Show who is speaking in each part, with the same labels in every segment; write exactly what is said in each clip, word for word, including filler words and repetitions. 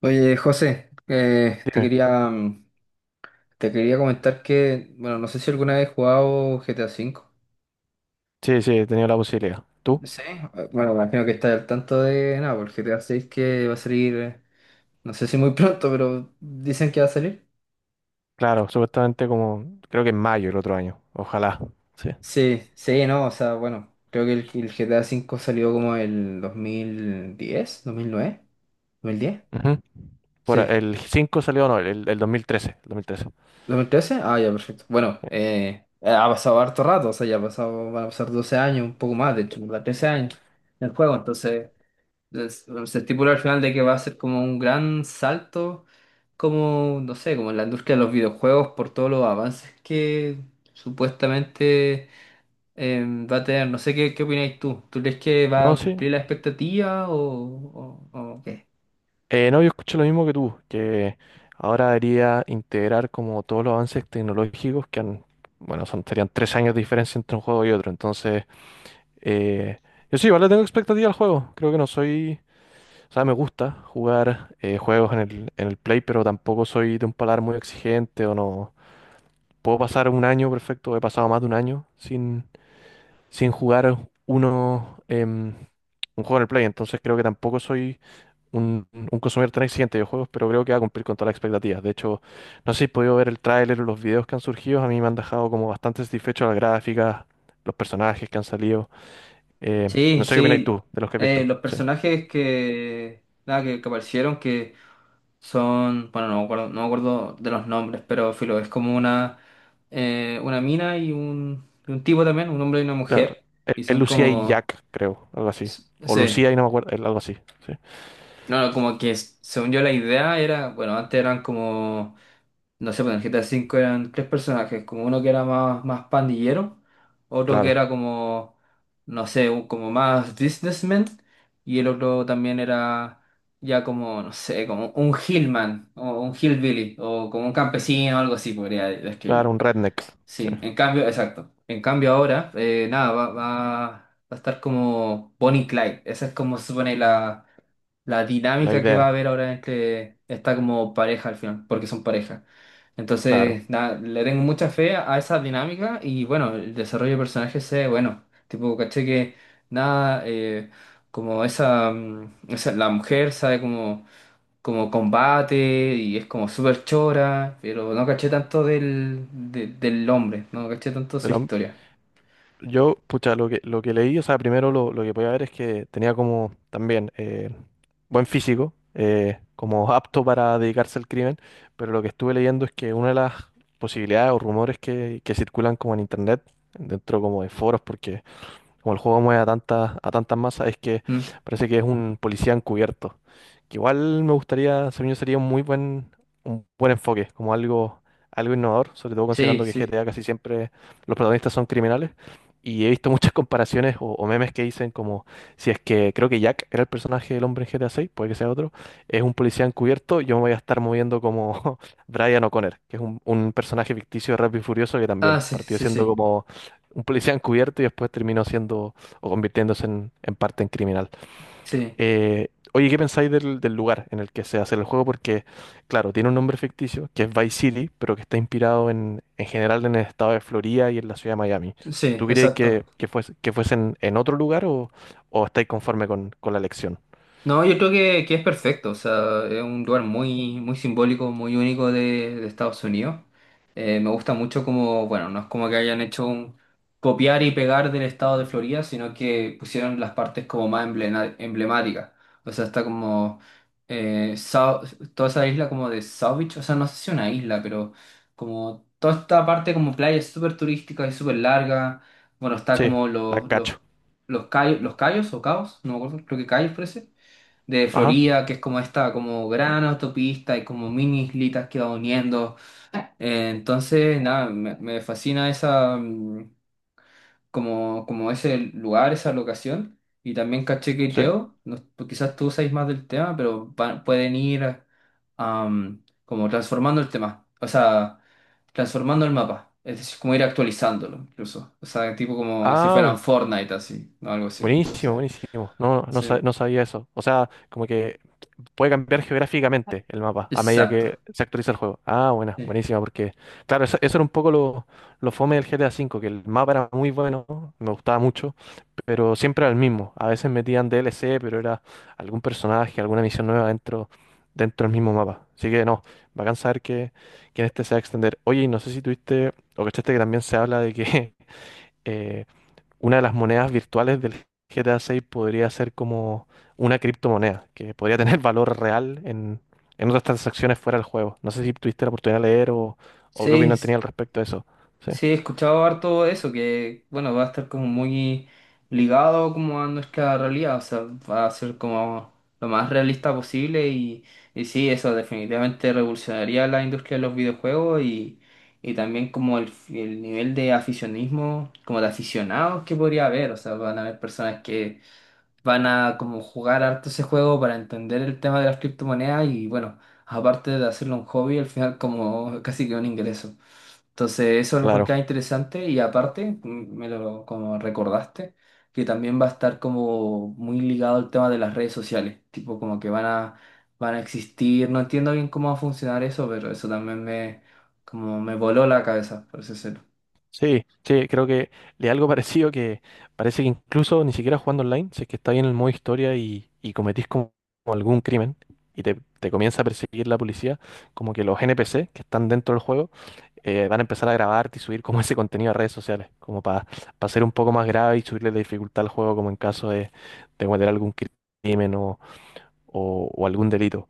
Speaker 1: Oye, José, eh, te
Speaker 2: Dime.
Speaker 1: quería, mm, te quería comentar que, bueno, no sé si alguna vez has jugado G T A cinco.
Speaker 2: Sí, sí, he tenido la posibilidad. ¿Tú?
Speaker 1: Sí. Eh, Bueno, me imagino que estás al tanto de nada, porque G T A seis que va a salir, eh, no sé si muy pronto, pero dicen que va a salir.
Speaker 2: Claro, supuestamente como, creo que en mayo el otro año. Ojalá. Sí.
Speaker 1: Sí, sí, no, o sea, bueno, creo que el, el G T A cinco salió como el dos dos mil mil diez dos mil nueve dos mil diez.
Speaker 2: Ujú. Por a-
Speaker 1: Sí.
Speaker 2: el cinco salió, no, el, el dos mil trece, el dos mil trece.
Speaker 1: ¿dos mil trece? Ah, ya, perfecto. Bueno, eh, ha pasado harto rato, o sea, ya ha pasado, van a pasar doce años, un poco más, de hecho, ¿verdad? trece años en el juego. Entonces, es- se estipula al final de que va a ser como un gran salto, como, no sé, como en la industria de los videojuegos, por todos los avances que supuestamente eh, va a tener. No sé qué, qué opináis tú. ¿Tú crees que va
Speaker 2: No,
Speaker 1: a
Speaker 2: sí.
Speaker 1: cumplir la expectativa o, o, o qué?
Speaker 2: Eh, no, yo escucho lo mismo que tú, que ahora debería integrar como todos los avances tecnológicos que han, bueno, son, serían tres años de diferencia entre un juego y otro. Entonces, eh, yo sí, vale, tengo expectativa al juego. Creo que no soy, o sea, me gusta jugar eh, juegos en el, en el Play, pero tampoco soy de un paladar muy exigente o no. Puedo pasar un año perfecto, he pasado más de un año sin, sin jugar uno, em, un juego en el Play. Entonces, creo que tampoco soy un, un consumidor tan exigente de juegos, pero creo que va a cumplir con todas las expectativas. De hecho, no sé si he podido ver el tráiler o los videos que han surgido, a mí me han dejado como bastante satisfecho las gráficas, los personajes que han salido. Eh, no
Speaker 1: Sí,
Speaker 2: sé qué opinas
Speaker 1: sí,
Speaker 2: tú de los que has
Speaker 1: eh,
Speaker 2: visto.
Speaker 1: los
Speaker 2: Sí.
Speaker 1: personajes que, nada, que, que aparecieron, que son, bueno, no me acuerdo, no me acuerdo de los nombres, pero filo, es como una, eh, una mina y un, y un tipo también, un hombre y una
Speaker 2: Claro,
Speaker 1: mujer,
Speaker 2: es,
Speaker 1: y
Speaker 2: es
Speaker 1: son
Speaker 2: Lucía y
Speaker 1: como,
Speaker 2: Jack, creo, algo así.
Speaker 1: s-
Speaker 2: O Lucía
Speaker 1: sí,
Speaker 2: y no me acuerdo, es algo así. Sí.
Speaker 1: no, no, como que, s- según yo la idea era, bueno, antes eran como no sé, pues en el G T A V eran tres personajes, como uno que era más, más pandillero, otro que
Speaker 2: Claro,
Speaker 1: era como, no sé, un- como más businessman, y el otro también era ya como, no sé, como un hillman, o un hillbilly, o como un campesino, algo así podría
Speaker 2: claro,
Speaker 1: describirlo.
Speaker 2: un redneck. Sí.
Speaker 1: Sí, en cambio, exacto. En cambio ahora, eh, nada, va, va, va a estar como Bonnie y Clyde, esa es como se supone la la
Speaker 2: La
Speaker 1: dinámica que va a
Speaker 2: idea,
Speaker 1: haber ahora entre esta como pareja al final, porque son pareja.
Speaker 2: claro.
Speaker 1: Entonces, nada, le tengo mucha fe a, a esa dinámica y bueno, el desarrollo de personajes es bueno. Tipo, caché que nada, eh, como esa, mm, esa- la mujer sabe como, como combate y es como súper chora, pero no caché tanto del, de- del hombre, no caché tanto su
Speaker 2: El hom-
Speaker 1: historia.
Speaker 2: yo, pucha, lo que, lo que leí, o sea, primero lo, lo que podía ver es que tenía como también eh, buen físico, eh, como apto para dedicarse al crimen, pero lo que estuve leyendo es que una de las posibilidades o rumores que, que circulan como en internet, dentro como de foros, porque como el juego mueve a tantas, a tantas masas, es que
Speaker 1: Mm.
Speaker 2: parece que es un policía encubierto. Que igual me gustaría, según yo, sería un muy buen, un buen enfoque, como algo, algo innovador, sobre todo
Speaker 1: Sí,
Speaker 2: considerando que
Speaker 1: sí.
Speaker 2: G T A casi siempre los protagonistas son criminales. Y he visto muchas comparaciones o, o memes que dicen como si es que creo que Jack era el personaje del hombre en G T A seis, puede que sea otro, es un policía encubierto, yo me voy a estar moviendo como Brian O'Connor, que es un, un personaje ficticio de Rápido y Furioso, que también
Speaker 1: Ah, sí,
Speaker 2: partió
Speaker 1: sí,
Speaker 2: siendo
Speaker 1: sí,
Speaker 2: como un policía encubierto y después terminó siendo o convirtiéndose en, en parte en criminal.
Speaker 1: sí,
Speaker 2: Eh, oye, ¿qué pensáis del, del lugar en el que se hace el juego? Porque, claro, tiene un nombre ficticio que es Vice City, pero que está inspirado en, en general en el estado de Florida y en la ciudad de Miami.
Speaker 1: sí,
Speaker 2: ¿Tú creéis
Speaker 1: exacto.
Speaker 2: que, que fuese, que fuese en, en otro lugar o, o estáis conforme con, con la elección?
Speaker 1: No, yo creo que, que es perfecto, o sea, es un lugar muy, muy simbólico, muy único de, de Estados Unidos. Eh, me gusta mucho como, bueno, no es como que hayan hecho un copiar y pegar del estado de Florida, sino que pusieron las partes como más emblena- emblemáticas. O sea, está como eh, Sau- toda esa isla como de South Beach, o sea, no sé si una isla, pero como toda esta parte como playa es súper turística y súper larga. Bueno, está
Speaker 2: Sí,
Speaker 1: como
Speaker 2: la
Speaker 1: los, los,
Speaker 2: cacho.
Speaker 1: los, cay- los cayos o caos, no me acuerdo, creo que cayos parece de
Speaker 2: Ajá.
Speaker 1: Florida, que es como esta como
Speaker 2: Sí.
Speaker 1: gran autopista y como mini islitas que va uniendo. Eh, entonces, nada, me, me fascina esa mm, como, como ese lugar, esa locación. Y también caché que
Speaker 2: sí.
Speaker 1: creo, no- pues quizás tú sabes más del tema, pero pa- pueden ir am, como transformando el tema, o sea, transformando el mapa, es decir, como ir actualizándolo incluso, o sea, tipo como si
Speaker 2: Ah,
Speaker 1: fueran
Speaker 2: bu-
Speaker 1: Fortnite así, o algo así,
Speaker 2: buenísimo,
Speaker 1: entonces,
Speaker 2: buenísimo. No, no, sa-
Speaker 1: sí,
Speaker 2: no sabía eso. O sea, como que puede cambiar geográficamente el mapa a medida
Speaker 1: exacto.
Speaker 2: que se actualiza el juego. Ah, buena,
Speaker 1: Sí,
Speaker 2: buenísima, porque, claro, eso, eso era un poco lo, lo fome del G T A cinco, que el mapa era muy bueno, me gustaba mucho, pero siempre era el mismo. A veces metían D L C, pero era algún personaje, alguna misión nueva dentro, dentro, del mismo mapa. Así que no, bacán saber que, que en este se va a extender. Oye, y no sé si tuviste o cachaste que también se habla de que. eh, una de las monedas virtuales del G T A seis podría ser como una criptomoneda, que podría tener valor real en, en otras transacciones fuera del juego. No sé si tuviste la oportunidad de leer, o, o qué
Speaker 1: sí.
Speaker 2: opinión tenía al respecto de eso. Sí,
Speaker 1: Sí, he escuchado harto eso, que bueno, va a estar como muy ligado como a nuestra realidad, o sea, va a ser como lo más realista posible y, y sí, eso definitivamente revolucionaría la industria de los videojuegos y, y también como el, el nivel de aficionismo, como de aficionados que podría haber, o sea, van a haber personas que van a como jugar harto ese juego para entender el tema de las criptomonedas y bueno, aparte de hacerlo un hobby, al final como casi que un ingreso. Entonces, eso lo
Speaker 2: claro.
Speaker 1: encontraba interesante y aparte, mm, me lo como recordaste, que también va a estar como muy ligado al tema de las redes sociales, tipo como que van a, van a existir, no entiendo bien cómo va a funcionar eso, pero eso también me, como me voló la cabeza, por ese cero.
Speaker 2: Sí, sí, creo que le algo parecido, que parece que incluso ni siquiera jugando online, si es que está bien en el modo historia y, y cometís como como algún crimen y te, te comienza a perseguir la policía, como que los N P C que están dentro del juego eh, van a empezar a grabarte y subir como ese contenido a redes sociales, como para ser un poco más grave y subirle la dificultad al juego como en caso de, de cometer algún crimen o, o- o algún delito.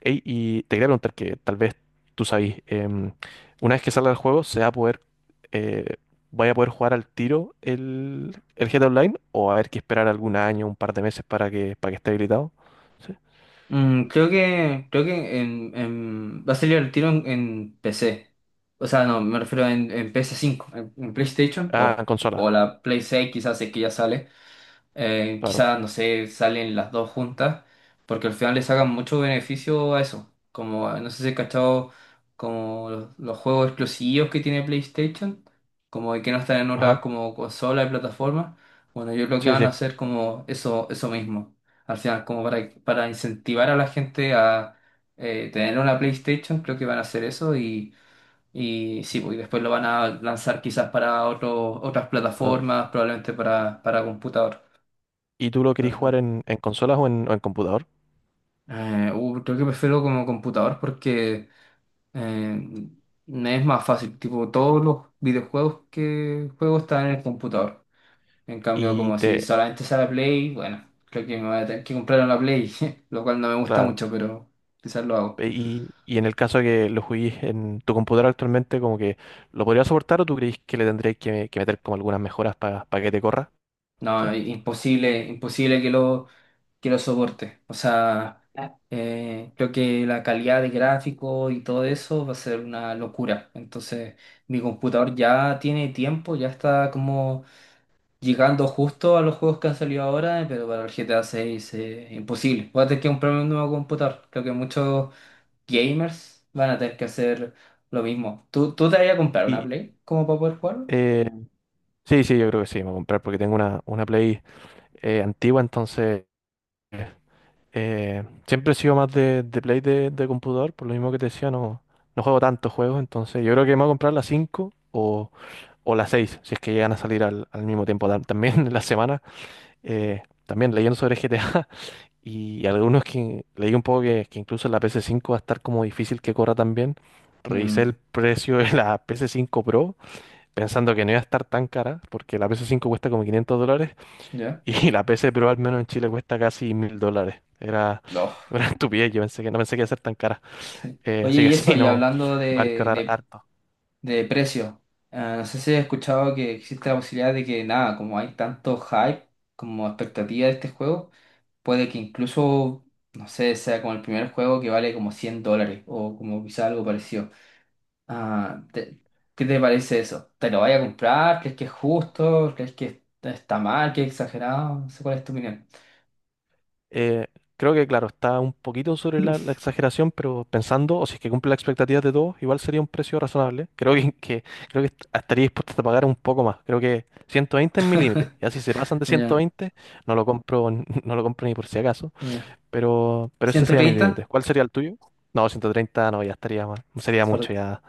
Speaker 2: Ey, y te quería preguntar que tal vez tú sabes, em, una vez que salga el juego, ¿se va a poder, eh, vaya a poder jugar al tiro el, el G T A Online o va a haber que esperar algún año, un par de meses para que, para que esté habilitado? Sí.
Speaker 1: Mm, creo que, creo que en, en- va a salir el tiro en, en P C, o sea, no, me refiero en, en P S cinco, en, en PlayStation
Speaker 2: Ah, en
Speaker 1: o,
Speaker 2: consola,
Speaker 1: o la Play seis quizás es que ya sale. Eh,
Speaker 2: claro.
Speaker 1: quizás, no sé, salen las dos juntas, porque al final le sacan mucho beneficio a eso. Como, no sé si he cachado, como los, los juegos exclusivos que tiene PlayStation, como de que no están en otras
Speaker 2: Ajá,
Speaker 1: como consolas y plataformas. Bueno, yo creo que
Speaker 2: sí,
Speaker 1: van a
Speaker 2: sí.
Speaker 1: hacer como eso, eso mismo. Al final, como para, para incentivar a la gente a eh, tener una PlayStation, creo que van a hacer eso y, y sí, pues, y después lo van a lanzar quizás para otro- otras
Speaker 2: Pa-
Speaker 1: plataformas, probablemente para, para computador.
Speaker 2: ¿Y tú lo querés jugar en, en consolas o en, o en computador?
Speaker 1: Eh, uh, creo que prefiero como computador porque eh, me es más fácil. Tipo, todos los videojuegos que juego están en el computador. En cambio,
Speaker 2: Y
Speaker 1: como si
Speaker 2: te,
Speaker 1: solamente sale Play, bueno, creo que me voy a tener que comprar una Play, lo cual no me gusta
Speaker 2: claro.
Speaker 1: mucho, pero quizás lo hago.
Speaker 2: e- Y, y en el caso de que lo juguís en tu computador actualmente, como que, ¿lo podrías soportar o tú creís que le tendrías que, que meter como algunas mejoras para que te corra?
Speaker 1: No, imposible, imposible que lo, que lo soporte. O sea, eh, creo que la calidad de gráfico y todo eso va a ser una locura. Entonces, mi computador ya tiene tiempo, ya está como llegando justo a los juegos que han salido ahora, eh, pero para el G T A seis es imposible. Voy a tener que comprarme un nuevo computador. Creo que muchos gamers van a tener que hacer lo mismo. ¿Tú, tú te vas a comprar una
Speaker 2: Y
Speaker 1: Play como para poder jugarlo?
Speaker 2: eh, sí, sí, yo creo que sí, me voy a comprar porque tengo una, una Play eh, antigua. Entonces, eh, siempre he sido más de, de Play de, de computador, por lo mismo que te decía, no, no juego tantos juegos. Entonces yo creo que me voy a comprar la cinco o, o la seis, si es que llegan a salir al, al mismo tiempo tam- también en la semana. Eh, también leyendo sobre G T A, y algunos que leí un poco, que, que incluso en la ps cinco va a estar como difícil que corra también. Revisé el
Speaker 1: Mm,
Speaker 2: precio de la ps cinco Pro pensando que no iba a estar tan cara, porque la P S cinco cuesta como quinientos dólares,
Speaker 1: ya.
Speaker 2: y la P C Pro al menos en Chile cuesta casi mil dólares. Era
Speaker 1: No.
Speaker 2: una estupidez. Yo pensé que no, pensé que iba a ser tan cara.
Speaker 1: Sí.
Speaker 2: Eh,
Speaker 1: Oye,
Speaker 2: así que
Speaker 1: y eso,
Speaker 2: sí,
Speaker 1: y
Speaker 2: no,
Speaker 1: hablando
Speaker 2: va a
Speaker 1: de,
Speaker 2: ahorrar
Speaker 1: de,
Speaker 2: harto.
Speaker 1: de precio, eh, no sé si has escuchado que existe la posibilidad de que, nada, como hay tanto hype como expectativa de este juego, puede que incluso, no sé, sea como el primer juego que vale como cien dólares o como quizá algo parecido. Ah, te- ¿qué te parece eso? ¿Te lo vaya a comprar? ¿Crees que es justo? ¿Crees que está mal? ¿Que es exagerado? No sé cuál es tu opinión.
Speaker 2: Eh, Creo que, claro, está un poquito sobre la, la exageración, pero pensando, o si es que cumple las expectativas de todos, igual sería un precio razonable. Creo que, que- creo que est- estaría dispuesto a pagar un poco más. Creo que ciento veinte es mi límite. Ya si se pasan de
Speaker 1: Ya,
Speaker 2: ciento veinte, no lo compro, n- no lo compro ni por si acaso.
Speaker 1: ya.
Speaker 2: Pero, pero ese sería mi límite.
Speaker 1: ¿ciento treinta?
Speaker 2: ¿Cuál sería el tuyo? No, ciento treinta no, ya estaría mal. Sería mucho,
Speaker 1: Por-
Speaker 2: ya.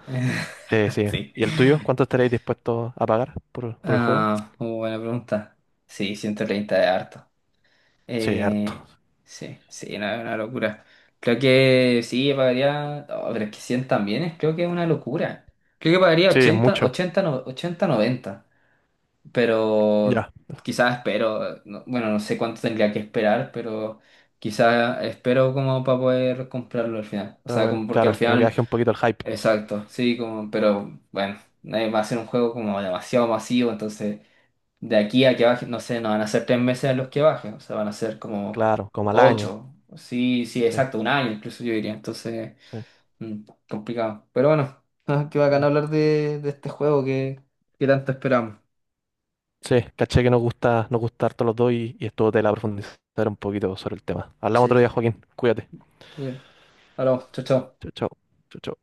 Speaker 2: Sí, sí.
Speaker 1: Sí.
Speaker 2: ¿Y el tuyo? ¿Cuánto estaréis dispuestos a pagar por, por el juego?
Speaker 1: Ah, muy buena pregunta. Sí, ciento treinta es harto.
Speaker 2: Sí, harto.
Speaker 1: Eh, sí, sí, no, es una locura. Creo que sí, pagaría. Oh, pero es que cien también es, creo que es una locura. Creo que pagaría
Speaker 2: Sí, es
Speaker 1: ochenta
Speaker 2: mucho.
Speaker 1: ochenta no- ochenta noventa. Pero
Speaker 2: Ya.
Speaker 1: quizás espero, no- bueno, no sé cuánto tendría que esperar, pero quizás espero como para poder comprarlo al final. O
Speaker 2: Pero
Speaker 1: sea,
Speaker 2: bueno,
Speaker 1: como porque al
Speaker 2: claro, como que
Speaker 1: final,
Speaker 2: baje un poquito el hype.
Speaker 1: exacto, sí, como, pero bueno, eh, va a ser un juego como demasiado masivo, entonces. De aquí a que baje, no sé, no van a ser tres meses en los que baje, o sea, van a ser como
Speaker 2: Claro, como al año.
Speaker 1: ocho, sí, sí,
Speaker 2: Sí,
Speaker 1: exacto, un año incluso yo diría, entonces,
Speaker 2: sí.
Speaker 1: mm, complicado. Pero bueno, ah, qué bacán
Speaker 2: Bueno.
Speaker 1: hablar de, de este juego que, que tanto esperamos.
Speaker 2: Sí, caché que nos gusta, nos gusta, harto los dos, y, y estuvo tela profundizar un poquito sobre el tema. Hablamos
Speaker 1: Sí,
Speaker 2: otro día, Joaquín. Cuídate.
Speaker 1: muy bien. Hablamos, chao, chao.
Speaker 2: Chao, chao. Chao, chao.